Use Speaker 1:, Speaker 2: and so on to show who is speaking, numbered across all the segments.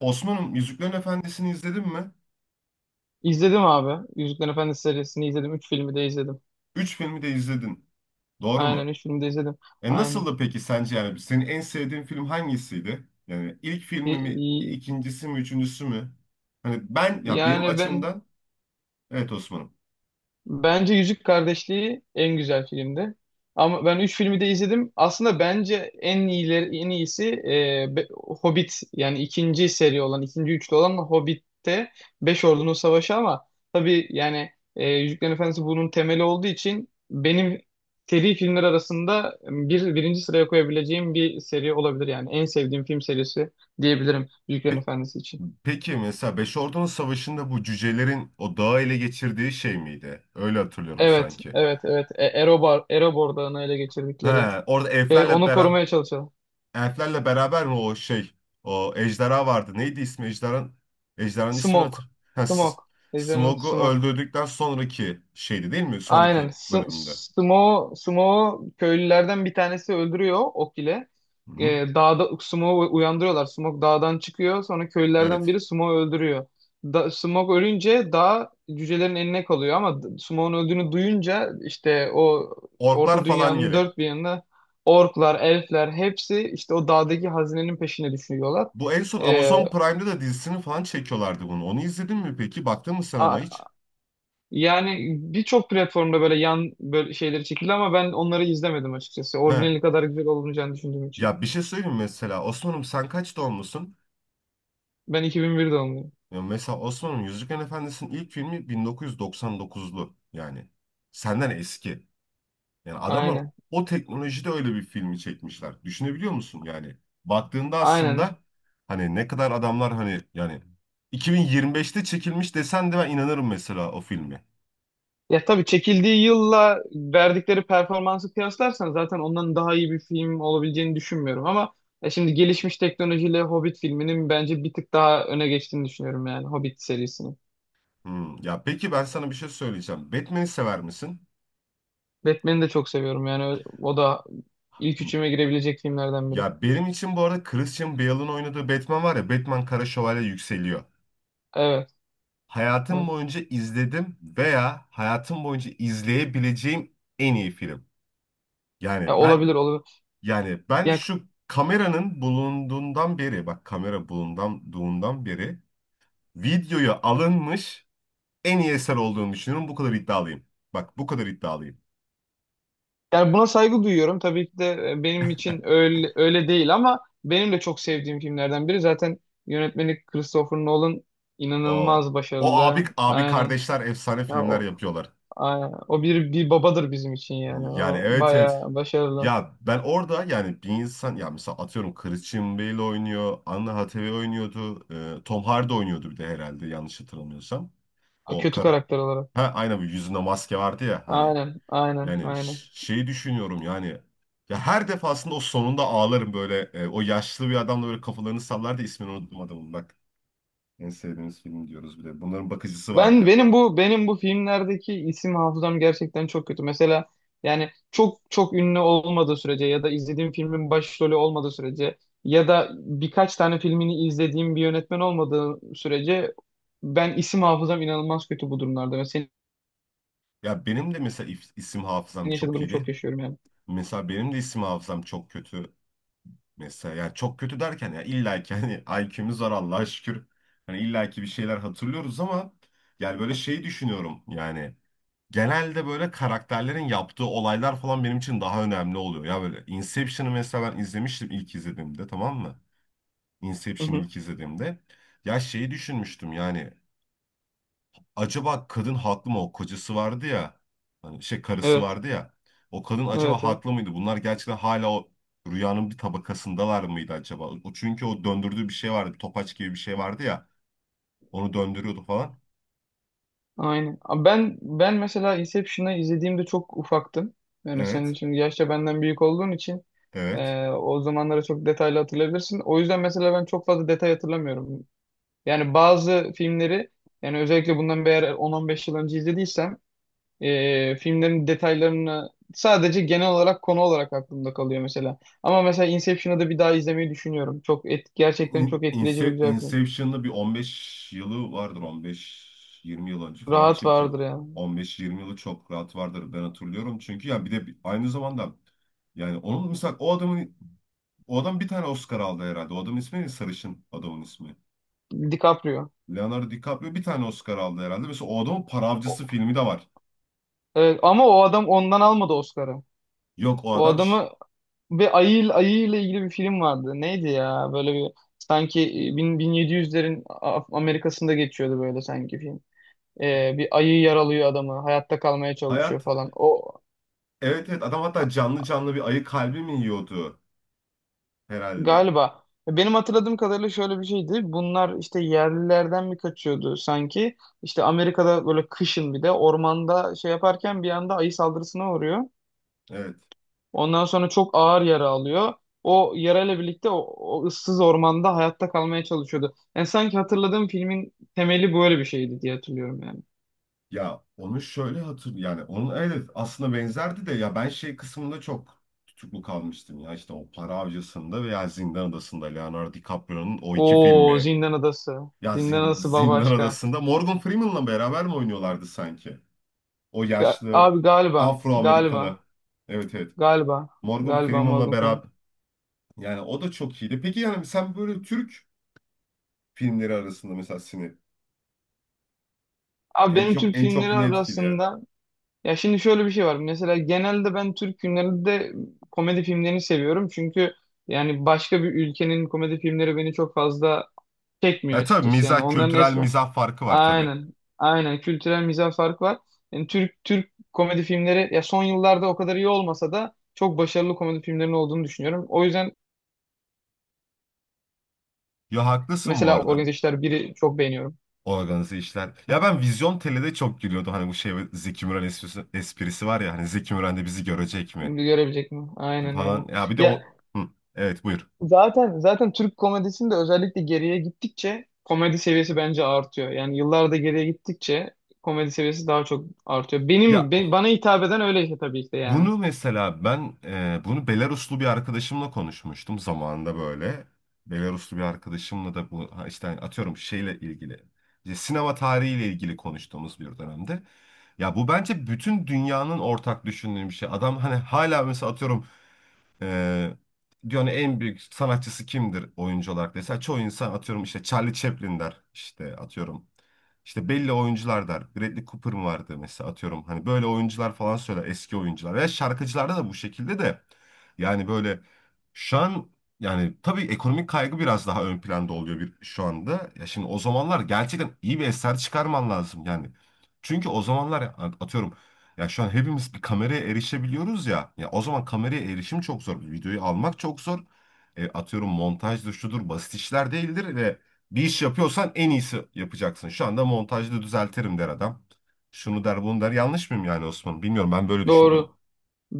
Speaker 1: Osman'ım Yüzüklerin Efendisi'ni izledin mi?
Speaker 2: İzledim abi. Yüzüklerin Efendisi serisini izledim. Üç filmi de izledim.
Speaker 1: Üç filmi de izledin. Doğru
Speaker 2: Aynen
Speaker 1: mu?
Speaker 2: üç filmi de izledim.
Speaker 1: E
Speaker 2: Aynen.
Speaker 1: nasıldı peki sence yani senin en sevdiğin film hangisiydi? Yani ilk
Speaker 2: E,
Speaker 1: filmi mi,
Speaker 2: e,
Speaker 1: ikincisi mi, üçüncüsü mü? Hani ben ya benim
Speaker 2: yani ben
Speaker 1: açımdan evet Osman'ım.
Speaker 2: Bence Yüzük Kardeşliği en güzel filmdi. Ama ben üç filmi de izledim. Aslında bence en iyileri, en iyisi Hobbit, yani ikinci seri olan, ikinci üçlü olan Hobbit'te Beş Ordunun Savaşı. Ama tabii yani Yüzüklerin Efendisi bunun temeli olduğu için benim seri filmler arasında birinci sıraya koyabileceğim bir seri olabilir yani. En sevdiğim film serisi diyebilirim Yüzüklerin
Speaker 1: Pe-
Speaker 2: Efendisi için.
Speaker 1: peki mesela Beş Ordunun Savaşı'nda bu cücelerin o dağı ele geçirdiği şey miydi? Öyle hatırlıyorum
Speaker 2: Evet,
Speaker 1: sanki.
Speaker 2: evet, evet. Erobar, Erobor Dağı'nı ele
Speaker 1: He,
Speaker 2: geçirdikleri.
Speaker 1: orada
Speaker 2: Şey,
Speaker 1: elflerle
Speaker 2: onu
Speaker 1: beraber
Speaker 2: korumaya çalışalım.
Speaker 1: Elflerle beraber o ejderha vardı. Neydi ismi ejderhan? Ejderhanın ismini
Speaker 2: Smoke.
Speaker 1: hatır. Ha,
Speaker 2: Smoke. Ejderhanın
Speaker 1: Smog'u
Speaker 2: Smoke.
Speaker 1: öldürdükten sonraki şeydi değil mi?
Speaker 2: Aynen.
Speaker 1: Sonraki bölümünde.
Speaker 2: Smoke'u köylülerden bir tanesi öldürüyor ok ile.
Speaker 1: Hı-hı.
Speaker 2: Ee, Dağda Smoke'u uyandırıyorlar. Smoke dağdan çıkıyor. Sonra köylülerden
Speaker 1: Evet.
Speaker 2: biri Smoke'u öldürüyor. Da Smoke ölünce dağ cücelerin eline kalıyor ama Smoke'un öldüğünü duyunca işte o
Speaker 1: Orklar
Speaker 2: Orta
Speaker 1: falan
Speaker 2: Dünya'nın
Speaker 1: gele.
Speaker 2: dört bir yanında orklar, elfler, hepsi işte o dağdaki hazinenin peşine düşüyorlar.
Speaker 1: Bu en son
Speaker 2: Ee,
Speaker 1: Amazon Prime'da da dizisini falan çekiyorlardı bunu. Onu izledin mi peki? Baktın mı sen ona hiç?
Speaker 2: Yani birçok platformda böyle şeyleri çekildi, ama ben onları izlemedim açıkçası.
Speaker 1: He.
Speaker 2: Orijinali kadar güzel olmayacağını düşündüğüm için.
Speaker 1: Ya bir şey söyleyeyim mi mesela. Osman'ım sen kaç doğumlusun?
Speaker 2: Ben 2001 doğumluyum.
Speaker 1: Ya mesela Osman'ım Yüzüklerin Efendisi'nin ilk filmi 1999'lu yani. Senden eski. Yani adamlar
Speaker 2: Aynen.
Speaker 1: o teknolojide öyle bir filmi çekmişler. Düşünebiliyor musun yani? Baktığında aslında
Speaker 2: Aynen.
Speaker 1: hani ne kadar adamlar hani yani 2025'te çekilmiş desen de ben inanırım mesela o filme.
Speaker 2: Ya tabii, çekildiği yılla verdikleri performansı kıyaslarsan zaten ondan daha iyi bir film olabileceğini düşünmüyorum, ama ya şimdi gelişmiş teknolojiyle Hobbit filminin bence bir tık daha öne geçtiğini düşünüyorum, yani Hobbit serisini.
Speaker 1: Hmm. Ya peki ben sana bir şey söyleyeceğim. Batman'i sever misin?
Speaker 2: Batman'i de çok seviyorum, yani o da ilk
Speaker 1: Hmm.
Speaker 2: üçüme girebilecek filmlerden biri.
Speaker 1: Ya benim için bu arada Christian Bale'ın oynadığı Batman var ya Batman Kara Şövalye yükseliyor.
Speaker 2: Evet,
Speaker 1: Hayatım
Speaker 2: evet.
Speaker 1: boyunca izledim veya hayatım boyunca izleyebileceğim en iyi film.
Speaker 2: Ya,
Speaker 1: Yani ben
Speaker 2: olabilir olabilir.
Speaker 1: Yani ben şu kameranın bulunduğundan beri, bak kamera bulunduğundan beri videoya alınmış en iyi eser olduğunu düşünüyorum. Bu kadar iddialıyım. Bak bu kadar iddialıyım.
Speaker 2: Yani buna saygı duyuyorum. Tabii ki de benim için öyle, öyle değil, ama benim de çok sevdiğim filmlerden biri. Zaten yönetmeni Christopher Nolan
Speaker 1: O
Speaker 2: inanılmaz
Speaker 1: o abi
Speaker 2: başarılı.
Speaker 1: abi
Speaker 2: Aynen.
Speaker 1: kardeşler efsane
Speaker 2: Ya,
Speaker 1: filmler
Speaker 2: o
Speaker 1: yapıyorlar.
Speaker 2: aynen. O bir babadır bizim için yani.
Speaker 1: Yani
Speaker 2: O
Speaker 1: evet evet.
Speaker 2: bayağı başarılı.
Speaker 1: Ya ben orada yani bir insan ya mesela atıyorum Christian Bale oynuyor, Anna Hathaway oynuyordu, Tom Hardy oynuyordu bir de herhalde yanlış hatırlamıyorsam.
Speaker 2: Ha,
Speaker 1: O
Speaker 2: kötü
Speaker 1: kar
Speaker 2: karakter olarak.
Speaker 1: Ha, aynen, bu yüzünde maske vardı ya hani.
Speaker 2: Aynen, aynen,
Speaker 1: Yani
Speaker 2: aynen.
Speaker 1: şeyi düşünüyorum yani ya her defasında o sonunda ağlarım böyle o yaşlı bir adamla böyle kafalarını sallar da ismini unuttum adamın bak en sevdiğimiz film diyoruz bir de bunların bakıcısı
Speaker 2: Ben
Speaker 1: vardı.
Speaker 2: benim bu benim bu filmlerdeki isim hafızam gerçekten çok kötü. Mesela yani çok çok ünlü olmadığı sürece ya da izlediğim filmin başrolü olmadığı sürece ya da birkaç tane filmini izlediğim bir yönetmen olmadığı sürece ben, isim hafızam inanılmaz kötü bu durumlarda. Ve senin
Speaker 1: Ya benim de mesela isim hafızam
Speaker 2: yaşadığın
Speaker 1: çok
Speaker 2: durumu çok
Speaker 1: iyiydi.
Speaker 2: yaşıyorum yani.
Speaker 1: Mesela benim de isim hafızam çok kötü. Mesela yani çok kötü derken ya illa ki hani IQ'muz var Allah'a şükür. Hani illa ki bir şeyler hatırlıyoruz ama yani böyle şey düşünüyorum yani genelde böyle karakterlerin yaptığı olaylar falan benim için daha önemli oluyor. Ya böyle Inception'ı mesela ben izlemiştim ilk izlediğimde tamam mı?
Speaker 2: Hı
Speaker 1: Inception'ı
Speaker 2: hı.
Speaker 1: ilk izlediğimde. Ya şeyi düşünmüştüm yani acaba kadın haklı mı o kocası vardı ya hani şey karısı
Speaker 2: Evet,
Speaker 1: vardı ya o kadın acaba
Speaker 2: evet, evet.
Speaker 1: haklı mıydı? Bunlar gerçekten hala o rüyanın bir tabakasındalar mıydı acaba? O çünkü o döndürdüğü bir şey vardı. Bir topaç gibi bir şey vardı ya. Onu döndürüyordu falan.
Speaker 2: Aynen. Ama ben mesela Inception'ı izlediğimde çok ufaktım. Yani senin
Speaker 1: Evet.
Speaker 2: şimdi yaşça benden büyük olduğun için
Speaker 1: Evet.
Speaker 2: o zamanları çok detaylı hatırlayabilirsin. O yüzden mesela ben çok fazla detay hatırlamıyorum. Yani bazı filmleri, yani özellikle bundan eğer 10-15 yıl önce izlediysem, filmlerin detaylarını sadece genel olarak, konu olarak aklımda kalıyor mesela. Ama mesela Inception'ı da bir daha izlemeyi düşünüyorum. Gerçekten çok etkileyici bir güzel film.
Speaker 1: Inception'da bir 15 yılı vardır 15-20 yıl önce falan
Speaker 2: Rahat
Speaker 1: çekil.
Speaker 2: vardır yani.
Speaker 1: 15-20 yılı çok rahat vardır ben hatırlıyorum. Çünkü ya bir de aynı zamanda yani onun mesela o adam bir tane Oscar aldı herhalde. O adamın ismi ne? Sarışın adamın ismi.
Speaker 2: DiCaprio.
Speaker 1: Leonardo DiCaprio bir tane Oscar aldı herhalde. Mesela o adamın Para Avcısı filmi de var.
Speaker 2: Evet, ama o adam ondan almadı Oscar'ı.
Speaker 1: Yok o
Speaker 2: O
Speaker 1: adam
Speaker 2: adamı ve ayı ile ilgili bir film vardı. Neydi ya? Böyle bir, sanki 1700'lerin Amerika'sında geçiyordu böyle sanki film. Bir ayı yaralıyor adamı. Hayatta kalmaya çalışıyor
Speaker 1: hayat,
Speaker 2: falan. O,
Speaker 1: evet, evet, adam hatta canlı canlı bir ayı kalbi mi yiyordu herhalde.
Speaker 2: galiba benim hatırladığım kadarıyla şöyle bir şeydi. Bunlar işte yerlilerden mi kaçıyordu sanki? İşte Amerika'da böyle kışın, bir de ormanda şey yaparken bir anda ayı saldırısına uğruyor.
Speaker 1: Evet.
Speaker 2: Ondan sonra çok ağır yara alıyor. O yarayla birlikte o ıssız ormanda hayatta kalmaya çalışıyordu. Yani sanki hatırladığım filmin temeli böyle bir şeydi diye hatırlıyorum yani.
Speaker 1: Ya onu şöyle hatır yani onun evet aslında benzerdi de ya ben şey kısmında çok tutuklu kalmıştım ya işte o Para Avcısı'nda veya Zindan Adası'nda Leonardo DiCaprio'nun o iki
Speaker 2: Oo,
Speaker 1: filmi.
Speaker 2: Zindan Adası.
Speaker 1: Ya
Speaker 2: Zindan Adası
Speaker 1: Zindan
Speaker 2: bambaşka.
Speaker 1: Adası'nda Morgan Freeman'la beraber mi oynuyorlardı sanki? O
Speaker 2: Ya
Speaker 1: yaşlı
Speaker 2: abi,
Speaker 1: Afro-Amerikalı. Evet evet.
Speaker 2: galiba,
Speaker 1: Morgan
Speaker 2: galiba
Speaker 1: Freeman'la
Speaker 2: Morgan Freeman.
Speaker 1: beraber yani o da çok iyiydi. Peki yani sen böyle Türk filmleri arasında mesela seni
Speaker 2: Abi,
Speaker 1: en
Speaker 2: benim
Speaker 1: çok
Speaker 2: Türk
Speaker 1: en çok
Speaker 2: filmleri
Speaker 1: ne etkiliyor?
Speaker 2: arasında, ya şimdi şöyle bir şey var. Mesela genelde ben Türk filmlerinde de komedi filmlerini seviyorum. Çünkü yani başka bir ülkenin komedi filmleri beni çok fazla çekmiyor
Speaker 1: E tabii
Speaker 2: açıkçası. Yani
Speaker 1: mizah
Speaker 2: onların
Speaker 1: kültürel
Speaker 2: esmer.
Speaker 1: mizah farkı var tabii.
Speaker 2: Aynen. Aynen. Kültürel mizah farkı var. Yani Türk komedi filmleri, ya son yıllarda o kadar iyi olmasa da, çok başarılı komedi filmlerinin olduğunu düşünüyorum. O yüzden
Speaker 1: Ya haklısın bu
Speaker 2: mesela
Speaker 1: arada.
Speaker 2: Organize İşler 1'i çok beğeniyorum.
Speaker 1: Organize işler. Ya ben Vizyon Tele'de çok gülüyordum. Hani bu şey Zeki Müren esprisi, esprisi var ya. Hani Zeki Müren de bizi görecek mi?
Speaker 2: Görebilecek mi? Aynen öyle.
Speaker 1: Falan. Ya bir de
Speaker 2: Ya,
Speaker 1: o... Hı, evet buyur.
Speaker 2: zaten Türk komedisinde özellikle geriye gittikçe komedi seviyesi bence artıyor. Yani yıllarda geriye gittikçe komedi seviyesi daha çok artıyor. Benim,
Speaker 1: Ya
Speaker 2: bana hitap eden öyle, işte tabii ki de yani.
Speaker 1: bunu mesela ben bunu Belaruslu bir arkadaşımla konuşmuştum zamanında böyle. Belaruslu bir arkadaşımla da bu ha işte hani atıyorum şeyle ilgili. İşte sinema tarihiyle ilgili konuştuğumuz bir dönemde. Ya bu bence bütün dünyanın ortak düşündüğü bir şey. Adam hani hala mesela atıyorum Ee, dünyanın en büyük sanatçısı kimdir oyuncu olarak dese çoğu insan atıyorum işte Charlie Chaplin der işte atıyorum işte belli oyuncular der Bradley Cooper mı vardı mesela atıyorum hani böyle oyuncular falan söyler eski oyuncular veya şarkıcılarda da bu şekilde de yani böyle şu an yani tabii ekonomik kaygı biraz daha ön planda oluyor bir şu anda ya şimdi o zamanlar gerçekten iyi bir eser çıkarman lazım yani çünkü o zamanlar atıyorum ya şu an hepimiz bir kameraya erişebiliyoruz ya. Ya o zaman kameraya erişim çok zor. Videoyu almak çok zor. Atıyorum montajdır şudur basit işler değildir ve bir iş yapıyorsan en iyisi yapacaksın. Şu anda montajda düzeltirim der adam. Şunu der bunu der. Yanlış mıyım yani Osman? Bilmiyorum ben böyle düşünüyorum.
Speaker 2: Doğru.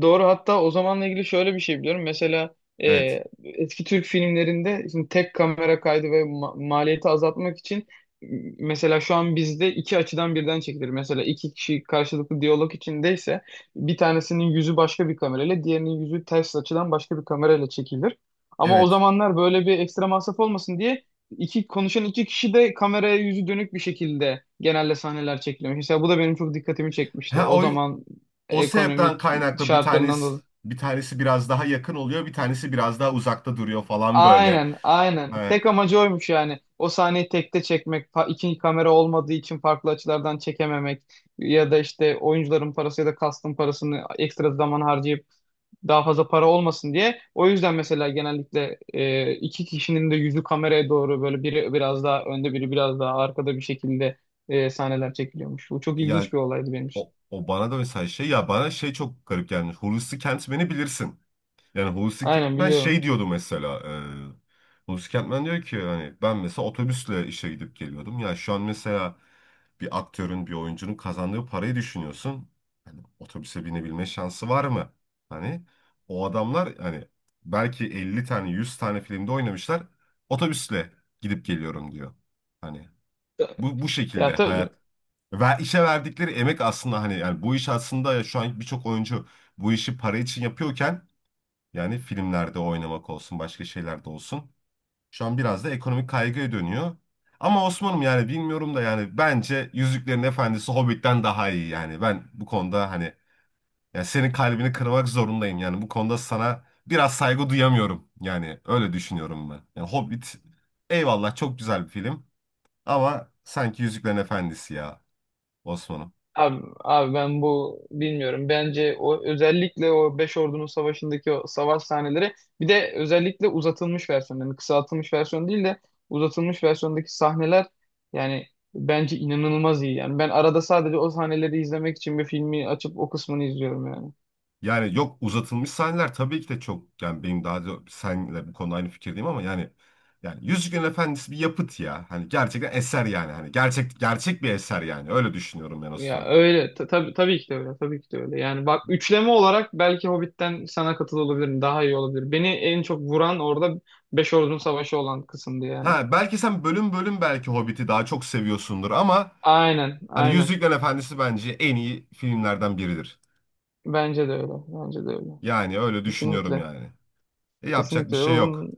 Speaker 2: Doğru, hatta o zamanla ilgili şöyle bir şey biliyorum. Mesela e,
Speaker 1: Evet.
Speaker 2: eski Türk filmlerinde, şimdi tek kamera kaydı ve maliyeti azaltmak için, e, mesela şu an bizde iki açıdan birden çekilir. Mesela iki kişi karşılıklı diyalog içindeyse bir tanesinin yüzü başka bir kamerayla, diğerinin yüzü ters açıdan başka bir kamerayla çekilir. Ama o
Speaker 1: Evet.
Speaker 2: zamanlar böyle bir ekstra masraf olmasın diye iki kişi de kameraya yüzü dönük bir şekilde genelde sahneler çekilmiş. Mesela bu da benim çok dikkatimi çekmişti.
Speaker 1: Ha
Speaker 2: O
Speaker 1: o
Speaker 2: zaman
Speaker 1: o sebepten
Speaker 2: ekonomik
Speaker 1: kaynaklı bir
Speaker 2: şartlarından
Speaker 1: tanesi
Speaker 2: dolayı.
Speaker 1: bir tanesi biraz daha yakın oluyor, bir tanesi biraz daha uzakta duruyor falan böyle.
Speaker 2: Aynen, aynen.
Speaker 1: Ha,
Speaker 2: Tek amacı oymuş yani. O sahneyi tekte çekmek, iki kamera olmadığı için farklı açılardan çekememek ya da işte oyuncuların parası ya da kastın parasını ekstra zaman harcayıp daha fazla para olmasın diye. O yüzden mesela genellikle iki kişinin de yüzü kameraya doğru, böyle biri biraz daha önde biri biraz daha arkada bir şekilde sahneler çekiliyormuş. Bu çok
Speaker 1: ya
Speaker 2: ilginç bir olaydı benim için.
Speaker 1: O bana da mesela şey ya bana şey çok garip gelmiş. Hulusi Kentmen'i bilirsin. Yani Hulusi
Speaker 2: Aynen,
Speaker 1: Kentmen
Speaker 2: biliyorum.
Speaker 1: şey diyordu mesela. Hulusi Kentmen diyor ki hani ben mesela otobüsle işe gidip geliyordum. Ya şu an mesela bir aktörün bir oyuncunun kazandığı parayı düşünüyorsun. Hani otobüse binebilme şansı var mı? Hani o adamlar hani belki 50 tane 100 tane filmde oynamışlar. Otobüsle gidip geliyorum diyor. Hani bu
Speaker 2: Ya
Speaker 1: şekilde
Speaker 2: tabii.
Speaker 1: hayat ve işe verdikleri emek aslında hani yani bu iş aslında ya şu an birçok oyuncu bu işi para için yapıyorken yani filmlerde oynamak olsun başka şeylerde olsun şu an biraz da ekonomik kaygıya dönüyor. Ama Osman'ım yani bilmiyorum da yani bence Yüzüklerin Efendisi Hobbit'ten daha iyi yani ben bu konuda hani yani senin kalbini kırmak zorundayım yani bu konuda sana biraz saygı duyamıyorum yani öyle düşünüyorum ben. Yani Hobbit eyvallah çok güzel bir film ama sanki Yüzüklerin Efendisi ya Osman'ım.
Speaker 2: Abi ben bu bilmiyorum. Bence o, özellikle o Beş Ordunun Savaşı'ndaki o savaş sahneleri, bir de özellikle uzatılmış versiyon, yani kısaltılmış versiyon değil de uzatılmış versiyondaki sahneler, yani bence inanılmaz iyi. Yani ben arada sadece o sahneleri izlemek için bir filmi açıp o kısmını izliyorum yani.
Speaker 1: Yani yok uzatılmış sahneler tabii ki de çok yani benim daha da senle bu konuda aynı fikirdeyim ama yani Yüzüklerin Efendisi bir yapıt ya. Hani gerçekten eser yani. Hani gerçek gerçek bir eser yani. Öyle düşünüyorum ben
Speaker 2: Ya
Speaker 1: Osman.
Speaker 2: öyle, tabii tabii ki de öyle, tabii ki de öyle. Yani bak, üçleme olarak belki Hobbit'ten sana katıl olabilirim. Daha iyi olabilir. Beni en çok vuran orada Beş Ordunun Savaşı olan kısımdı yani.
Speaker 1: Ha belki sen bölüm bölüm belki Hobbit'i daha çok seviyorsundur ama
Speaker 2: Aynen,
Speaker 1: hani
Speaker 2: aynen.
Speaker 1: Yüzüklerin Efendisi bence en iyi filmlerden biridir.
Speaker 2: Bence de öyle. Bence de öyle.
Speaker 1: Yani öyle düşünüyorum
Speaker 2: Kesinlikle.
Speaker 1: yani. E, yapacak bir
Speaker 2: Kesinlikle. O
Speaker 1: şey yok.
Speaker 2: bunun